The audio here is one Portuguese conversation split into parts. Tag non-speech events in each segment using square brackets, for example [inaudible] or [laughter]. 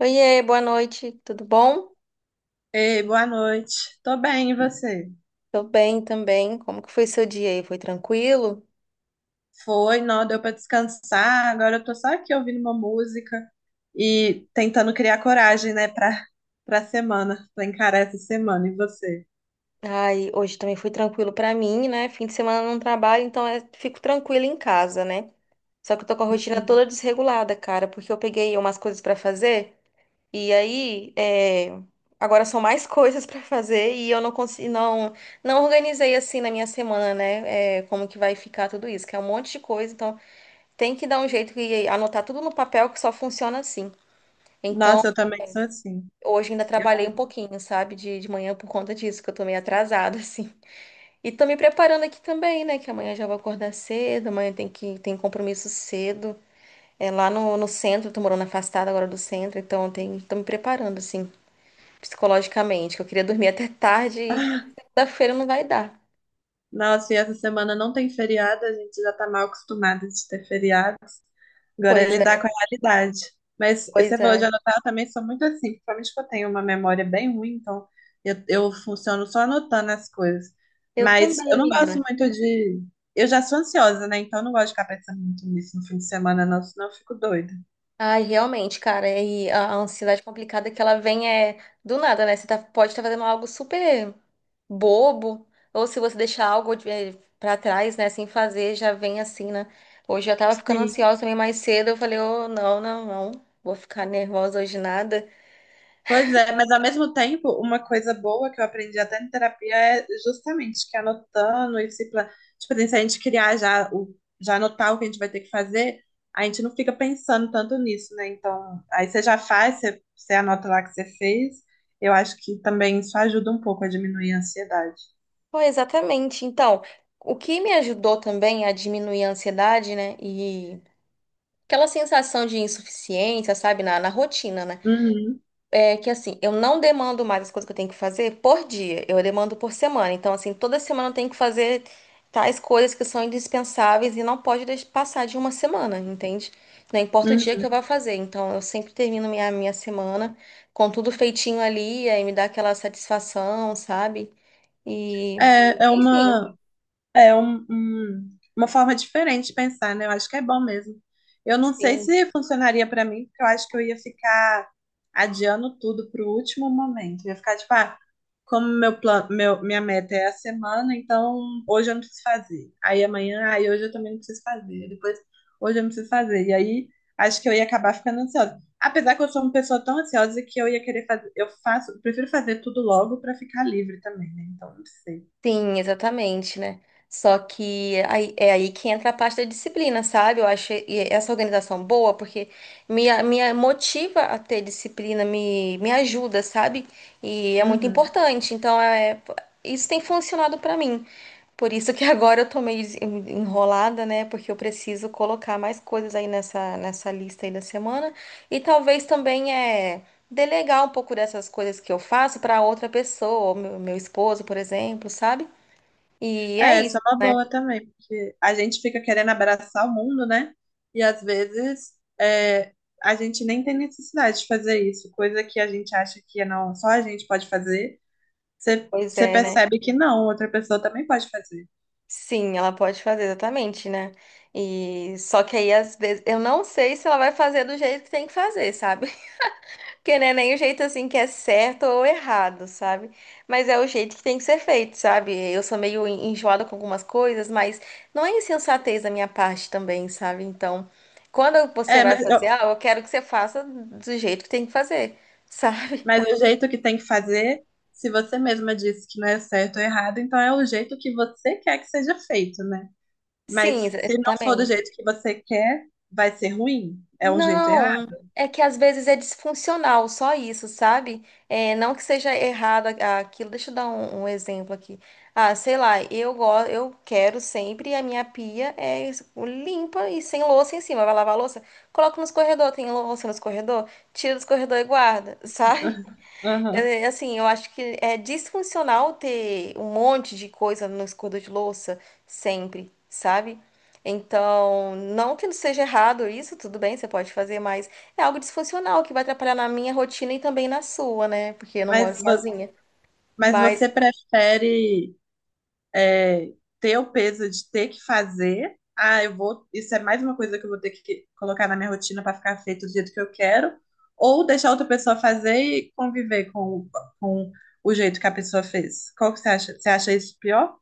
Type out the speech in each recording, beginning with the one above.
Oiê, boa noite, tudo bom? Ei, boa noite. Tô bem, e você? Tô bem também. Como que foi seu dia aí? Foi tranquilo? Foi, não, deu pra descansar. Agora eu tô só aqui ouvindo uma música e tentando criar coragem, né, pra semana, pra encarar essa semana. E você? Ai, hoje também foi tranquilo pra mim, né? Fim de semana eu não trabalho, então eu fico tranquila em casa, né? Só que eu tô com a rotina toda desregulada, cara, porque eu peguei umas coisas pra fazer e aí é, agora são mais [laughs] coisas pra fazer e eu não consigo, não, não organizei assim na minha semana, né? É, como que vai ficar tudo isso? Que é um monte de coisa, então tem que dar um jeito e anotar tudo no papel que só funciona assim. Então, Nossa, eu também sou assim. hoje ainda trabalhei um pouquinho, sabe, de manhã por conta disso, que eu tô meio atrasada, [laughs] assim. E tô me preparando aqui também, né, que amanhã já vou acordar cedo, amanhã tem compromisso cedo. É lá no centro, eu tô morando afastada agora do centro, então tô me preparando, assim, psicologicamente, que eu queria dormir até tarde e Eu, segunda-feira não vai dar. Nossa, e essa semana não tem feriado, a gente já tá mal acostumada de ter feriados. Agora é Pois lidar com é, a realidade. Mas você pois falou de é. anotar, eu também sou muito assim, principalmente que eu tenho uma memória bem ruim, então eu funciono só anotando as coisas. Eu Mas eu também, não gosto menina. muito de. Eu já sou ansiosa, né? Então eu não gosto de ficar pensando muito nisso no fim de semana, não, senão eu fico doida. Ai, realmente, cara, e a ansiedade complicada que ela vem é do nada, né? Você tá, pode estar fazendo algo super bobo, ou se você deixar algo pra trás, né, sem fazer, já vem assim, né? Hoje eu tava ficando Sim. ansiosa também mais cedo, eu falei, oh, não, não, não, vou ficar nervosa hoje nada. Pois é, mas ao mesmo tempo, uma coisa boa que eu aprendi até em terapia é justamente que anotando e se plan... tipo, assim, se a gente criar já o já anotar o que a gente vai ter que fazer, a gente não fica pensando tanto nisso, né? Então, aí você já faz, você anota lá o que você fez. Eu acho que também isso ajuda um pouco a diminuir a ansiedade. Pô, exatamente. Então, o que me ajudou também a diminuir a ansiedade, né, e aquela sensação de insuficiência, sabe, na rotina, né? Uhum, É que assim, eu não demando mais as coisas que eu tenho que fazer por dia, eu demando por semana. Então, assim, toda semana eu tenho que fazer tais coisas que são indispensáveis e não pode passar de uma semana, entende? Não importa o dia que uhum. eu vá fazer. Então, eu sempre termino minha semana com tudo feitinho ali, aí me dá aquela satisfação, sabe? E, É, é enfim, uma uma forma diferente de pensar, né? Eu acho que é bom mesmo. Eu não sei sim. se funcionaria pra mim, porque eu acho que eu ia ficar adiando tudo para o último momento. Ia ficar tipo, ah, como meu plano, minha meta é a semana, então hoje eu não preciso fazer. Aí amanhã, aí hoje eu também não preciso fazer. Depois, hoje eu não preciso fazer. E aí acho que eu ia acabar ficando ansiosa. Apesar que eu sou uma pessoa tão ansiosa que eu ia querer fazer, eu faço, prefiro fazer tudo logo para ficar livre também, né? Então, não sei. Sim, exatamente, né? Só que aí, é aí que entra a parte da disciplina, sabe? Eu acho essa organização boa porque motiva a ter disciplina, me ajuda, sabe? E é muito Uhum. importante. Então, é, isso tem funcionado pra mim. Por isso que [laughs] agora eu tô meio enrolada, né? Porque eu preciso colocar mais coisas aí nessa, nessa lista aí da semana. E talvez também é delegar um pouco dessas coisas que eu faço pra outra pessoa, ou meu esposo, por exemplo, sabe? E é É, isso isso, é uma né? boa também, porque a gente fica querendo abraçar o mundo, né? E às vezes é, a gente nem tem necessidade de fazer isso, coisa que a gente acha que não, só a gente pode fazer, Pois você é, né? percebe que não, outra pessoa também pode fazer. Sim, ela pode fazer exatamente, né? E só que aí às vezes eu não sei se ela vai fazer do jeito que tem que fazer, sabe? [laughs] Porque não é nem o jeito assim que é certo ou errado, sabe? Mas é o jeito que tem que ser feito, sabe? Eu sou meio enjoada com algumas coisas, mas não é insensatez da minha parte também, sabe? Então, quando você É, vai mas, fazer eu, ah, eu quero que você faça do jeito que tem que fazer, sabe? mas o jeito que tem que fazer, se você mesma disse que não é certo ou errado, então é o jeito que você quer que seja feito, né? [laughs] Sim, Mas ex- se não for do exatamente. jeito que você quer, vai ser ruim, é o jeito errado. Não, é que às vezes é disfuncional, só isso, sabe? É, não que seja errado aquilo. Deixa eu dar um exemplo aqui. Ah, sei lá, eu quero sempre a minha pia é limpa e sem louça em cima. Vai lavar a louça? Coloco nos corredor, tem louça nos corredor, tira dos corredor e guarda, [laughs] sabe? [laughs] Aham. É, assim, eu acho que é disfuncional ter um monte de coisa no escova de louça sempre, sabe? Então, não que não seja errado isso, tudo bem, você pode fazer, mas é algo disfuncional que vai atrapalhar na minha rotina e também na sua, né? Porque eu não moro Mas vo- sozinha. Mas Mas você prefere é, ter o peso de ter que fazer? Ah, eu vou. Isso é mais uma coisa que eu vou ter que colocar na minha rotina para ficar feito do jeito que eu quero, ou deixar outra pessoa fazer e conviver com o jeito que a pessoa fez? Qual que você acha? Você acha isso pior?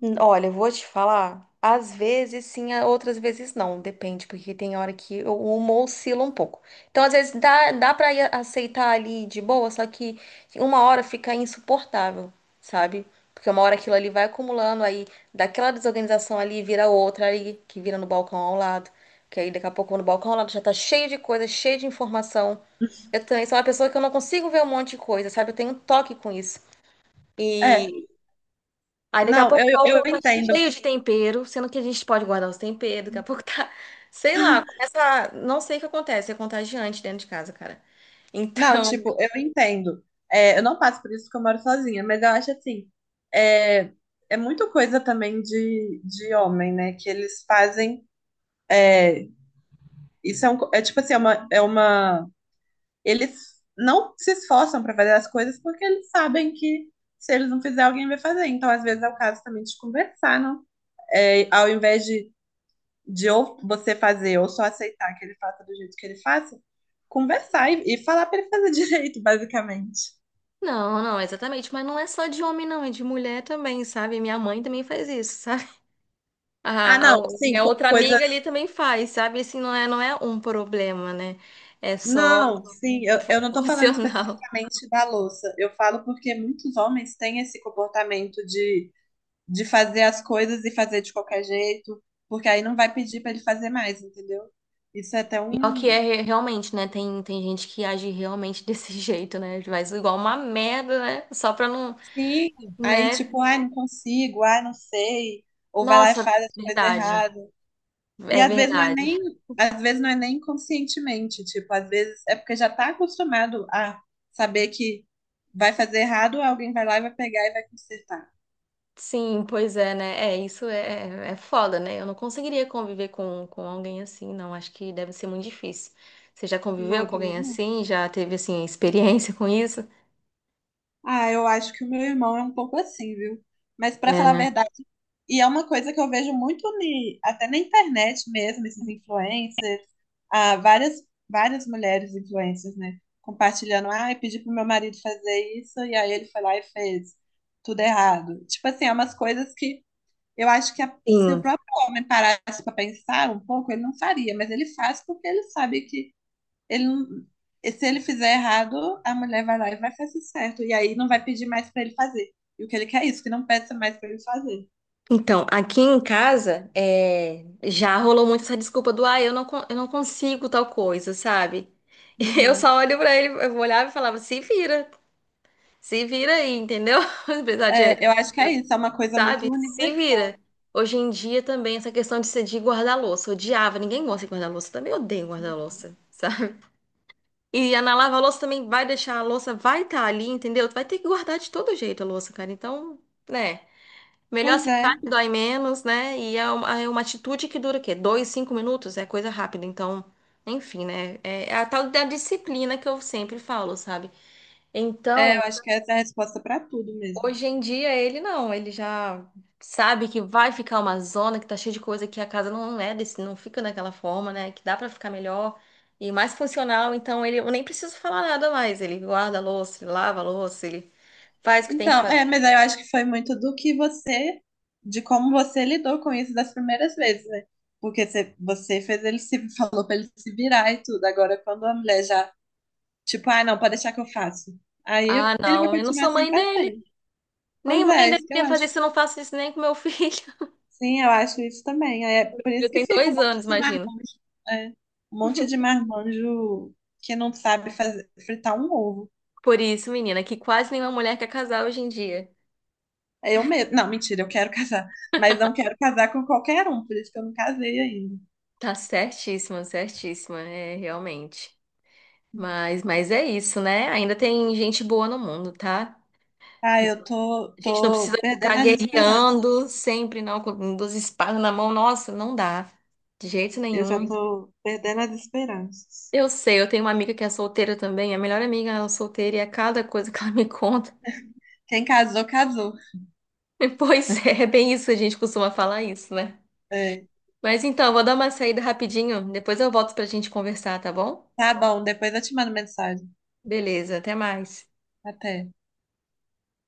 Olha, eu vou te falar, às vezes sim, outras vezes não, depende, porque tem hora que o humor oscila um pouco. Então, às vezes dá pra ir aceitar ali de boa, só que uma hora fica insuportável, sabe? Porque uma hora aquilo ali vai acumulando, aí daquela desorganização ali vira outra ali, que vira no balcão ao lado, que aí daqui a pouco no balcão ao lado já tá cheio de coisa, cheio de informação. Eu também sou uma pessoa que eu não consigo ver um monte de coisa, sabe? Eu tenho um toque com isso, É, e aí daqui a Não, pouco o eu balcão tá entendo. cheio de tempero, sendo que a gente pode guardar os temperos, daqui a pouco tá, [laughs] sei lá, começa, não sei o que acontece, é contagiante dentro de casa, cara. Não, Então, tipo, eu entendo. É, eu não passo por isso porque eu moro sozinha, mas eu acho assim, é, é muito coisa também de homem, né? Que eles fazem. Isso é, um, é tipo assim, é uma. Eles não se esforçam pra fazer as coisas porque eles sabem que se eles não fizer, alguém vai fazer. Então, às vezes, é o caso também de conversar, não? É, ao invés de ou você fazer ou só aceitar que ele faça do jeito que ele faça, conversar e falar pra ele fazer [laughs] direito, basicamente. [laughs] não, não, exatamente, mas não é só de homem não, é de mulher também, sabe? Minha mãe também faz isso, [laughs] sabe? Ah, A, não, a- sim, Minha outra coisas. amiga ali também faz, sabe? Assim, não é um problema, né? É só Não, sim, eu [laughs] não tô falando opcional. especificamente da louça. Eu falo porque muitos homens têm esse comportamento de fazer as coisas e fazer de qualquer jeito, porque aí não vai pedir pra ele fazer mais, entendeu? Isso é até Pior que um. é realmente, né? Tem gente que age realmente desse [laughs] jeito, né? Faz igual uma merda, né? Só pra não, Sim, aí né? tipo, ai, não consigo, ai, não sei, ou vai lá e Nossa, faz as coisas verdade. erradas. E É às vezes não é verdade. nem, às vezes não é nem conscientemente, tipo, às vezes é porque já tá acostumado a saber que vai fazer errado, alguém vai lá e vai pegar e vai consertar. Sim, pois é, né? É, isso é foda, né? Eu não conseguiria conviver com alguém assim, não. Acho que deve ser muito difícil. Você já Não, conviveu eu com alguém também não. assim? Já teve, assim, experiência com isso? Ah, eu acho que o meu irmão é um pouco assim, viu? Mas pra É, falar a né? verdade, e é uma coisa que eu vejo muito até na internet mesmo, esses influencers, ah, várias mulheres influencers, né, compartilhando, ah, eu pedi pro meu marido fazer isso e aí ele foi lá e fez tudo errado. Tipo assim, é umas coisas que eu acho que se o Sim. próprio homem parasse para pensar um pouco, ele não faria, mas ele faz porque ele sabe que ele não- e se ele fizer errado, a mulher vai lá e vai fazer certo. E aí não vai pedir mais para ele fazer. E o que ele quer é isso, que não peça mais para ele fazer. Então, aqui em casa, é, já rolou muito essa desculpa do, ah, eu não consigo tal coisa, sabe? [laughs] Eu Uhum. só olho pra ele, eu olhava e falava, se vira, se vira aí, entendeu? [laughs] Apesar de. É, eu acho que é isso, é uma coisa muito Se vira. universal. Hoje em dia também essa questão de, se- de guardar louça. Odiava, ninguém gosta de guardar louça. Também odeio guardar louça, sabe? E a na lava louça também vai deixar a louça, vai estar ali, entendeu? Tu vai ter que guardar de todo jeito a louça, cara. Então, né? Melhor Pois aceitar é, que dói menos, né? E é uma atitude que dura o quê? Dois, 5 minutos? É coisa rápida. Então, enfim, né? É a tal da disciplina que eu sempre falo, sabe? é, Então, eu acho que essa é a resposta para tudo mesmo. hoje em dia ele não, ele já sabe que vai ficar uma zona, que tá cheia de coisa, que a casa não é desse, não fica daquela forma, né? Que dá pra ficar melhor e mais funcional, então ele eu nem preciso falar nada mais. Ele guarda a louça, ele lava a louça, ele faz o que tem que Então, fazer. é, mas eu acho que foi muito do que você, de como você lidou com isso das primeiras vezes, né? Porque você fez ele se, [laughs] falou pra ele se virar e tudo. Agora, quando a mulher já, tipo, ah, não, pode deixar que eu faço. Aí Ah, ele vai não, eu não continuar sou assim mãe pra dele. sempre. Nem Pois mãe é, isso que eu deveria fazer acho. isso, eu não faço isso nem com meu filho. [laughs] Sim, eu acho isso também. É por Ele isso que tem fica um dois monte anos, de imagina. marmanjo, é, um monte de marmanjo que não sabe fazer, fritar um ovo. Por isso, menina, que quase nenhuma mulher quer casar hoje em dia. É eu mesmo. Não, mentira, eu quero [laughs] casar. Mas não quero casar com qualquer um, por isso que eu não casei ainda. Tá certíssima, certíssima, é realmente. Mas é isso, né? Ainda tem gente boa no mundo, tá? Ah, A gente não tô precisa ficar perdendo as esperanças. guerreando sempre, não, com duas espadas na mão. Nossa, não dá. De jeito Eu já nenhum. tô perdendo as esperanças. Eu sei, eu tenho uma amiga que é solteira também. A melhor amiga é solteira e é cada coisa [laughs] que ela me conta. Quem casou, casou. [laughs] Pois é bem isso, a gente costuma falar isso, né? É. Mas então, eu vou dar uma saída rapidinho. Depois eu volto pra gente conversar, tá bom? Tá bom, depois eu te mando mensagem. Beleza, até mais. Até.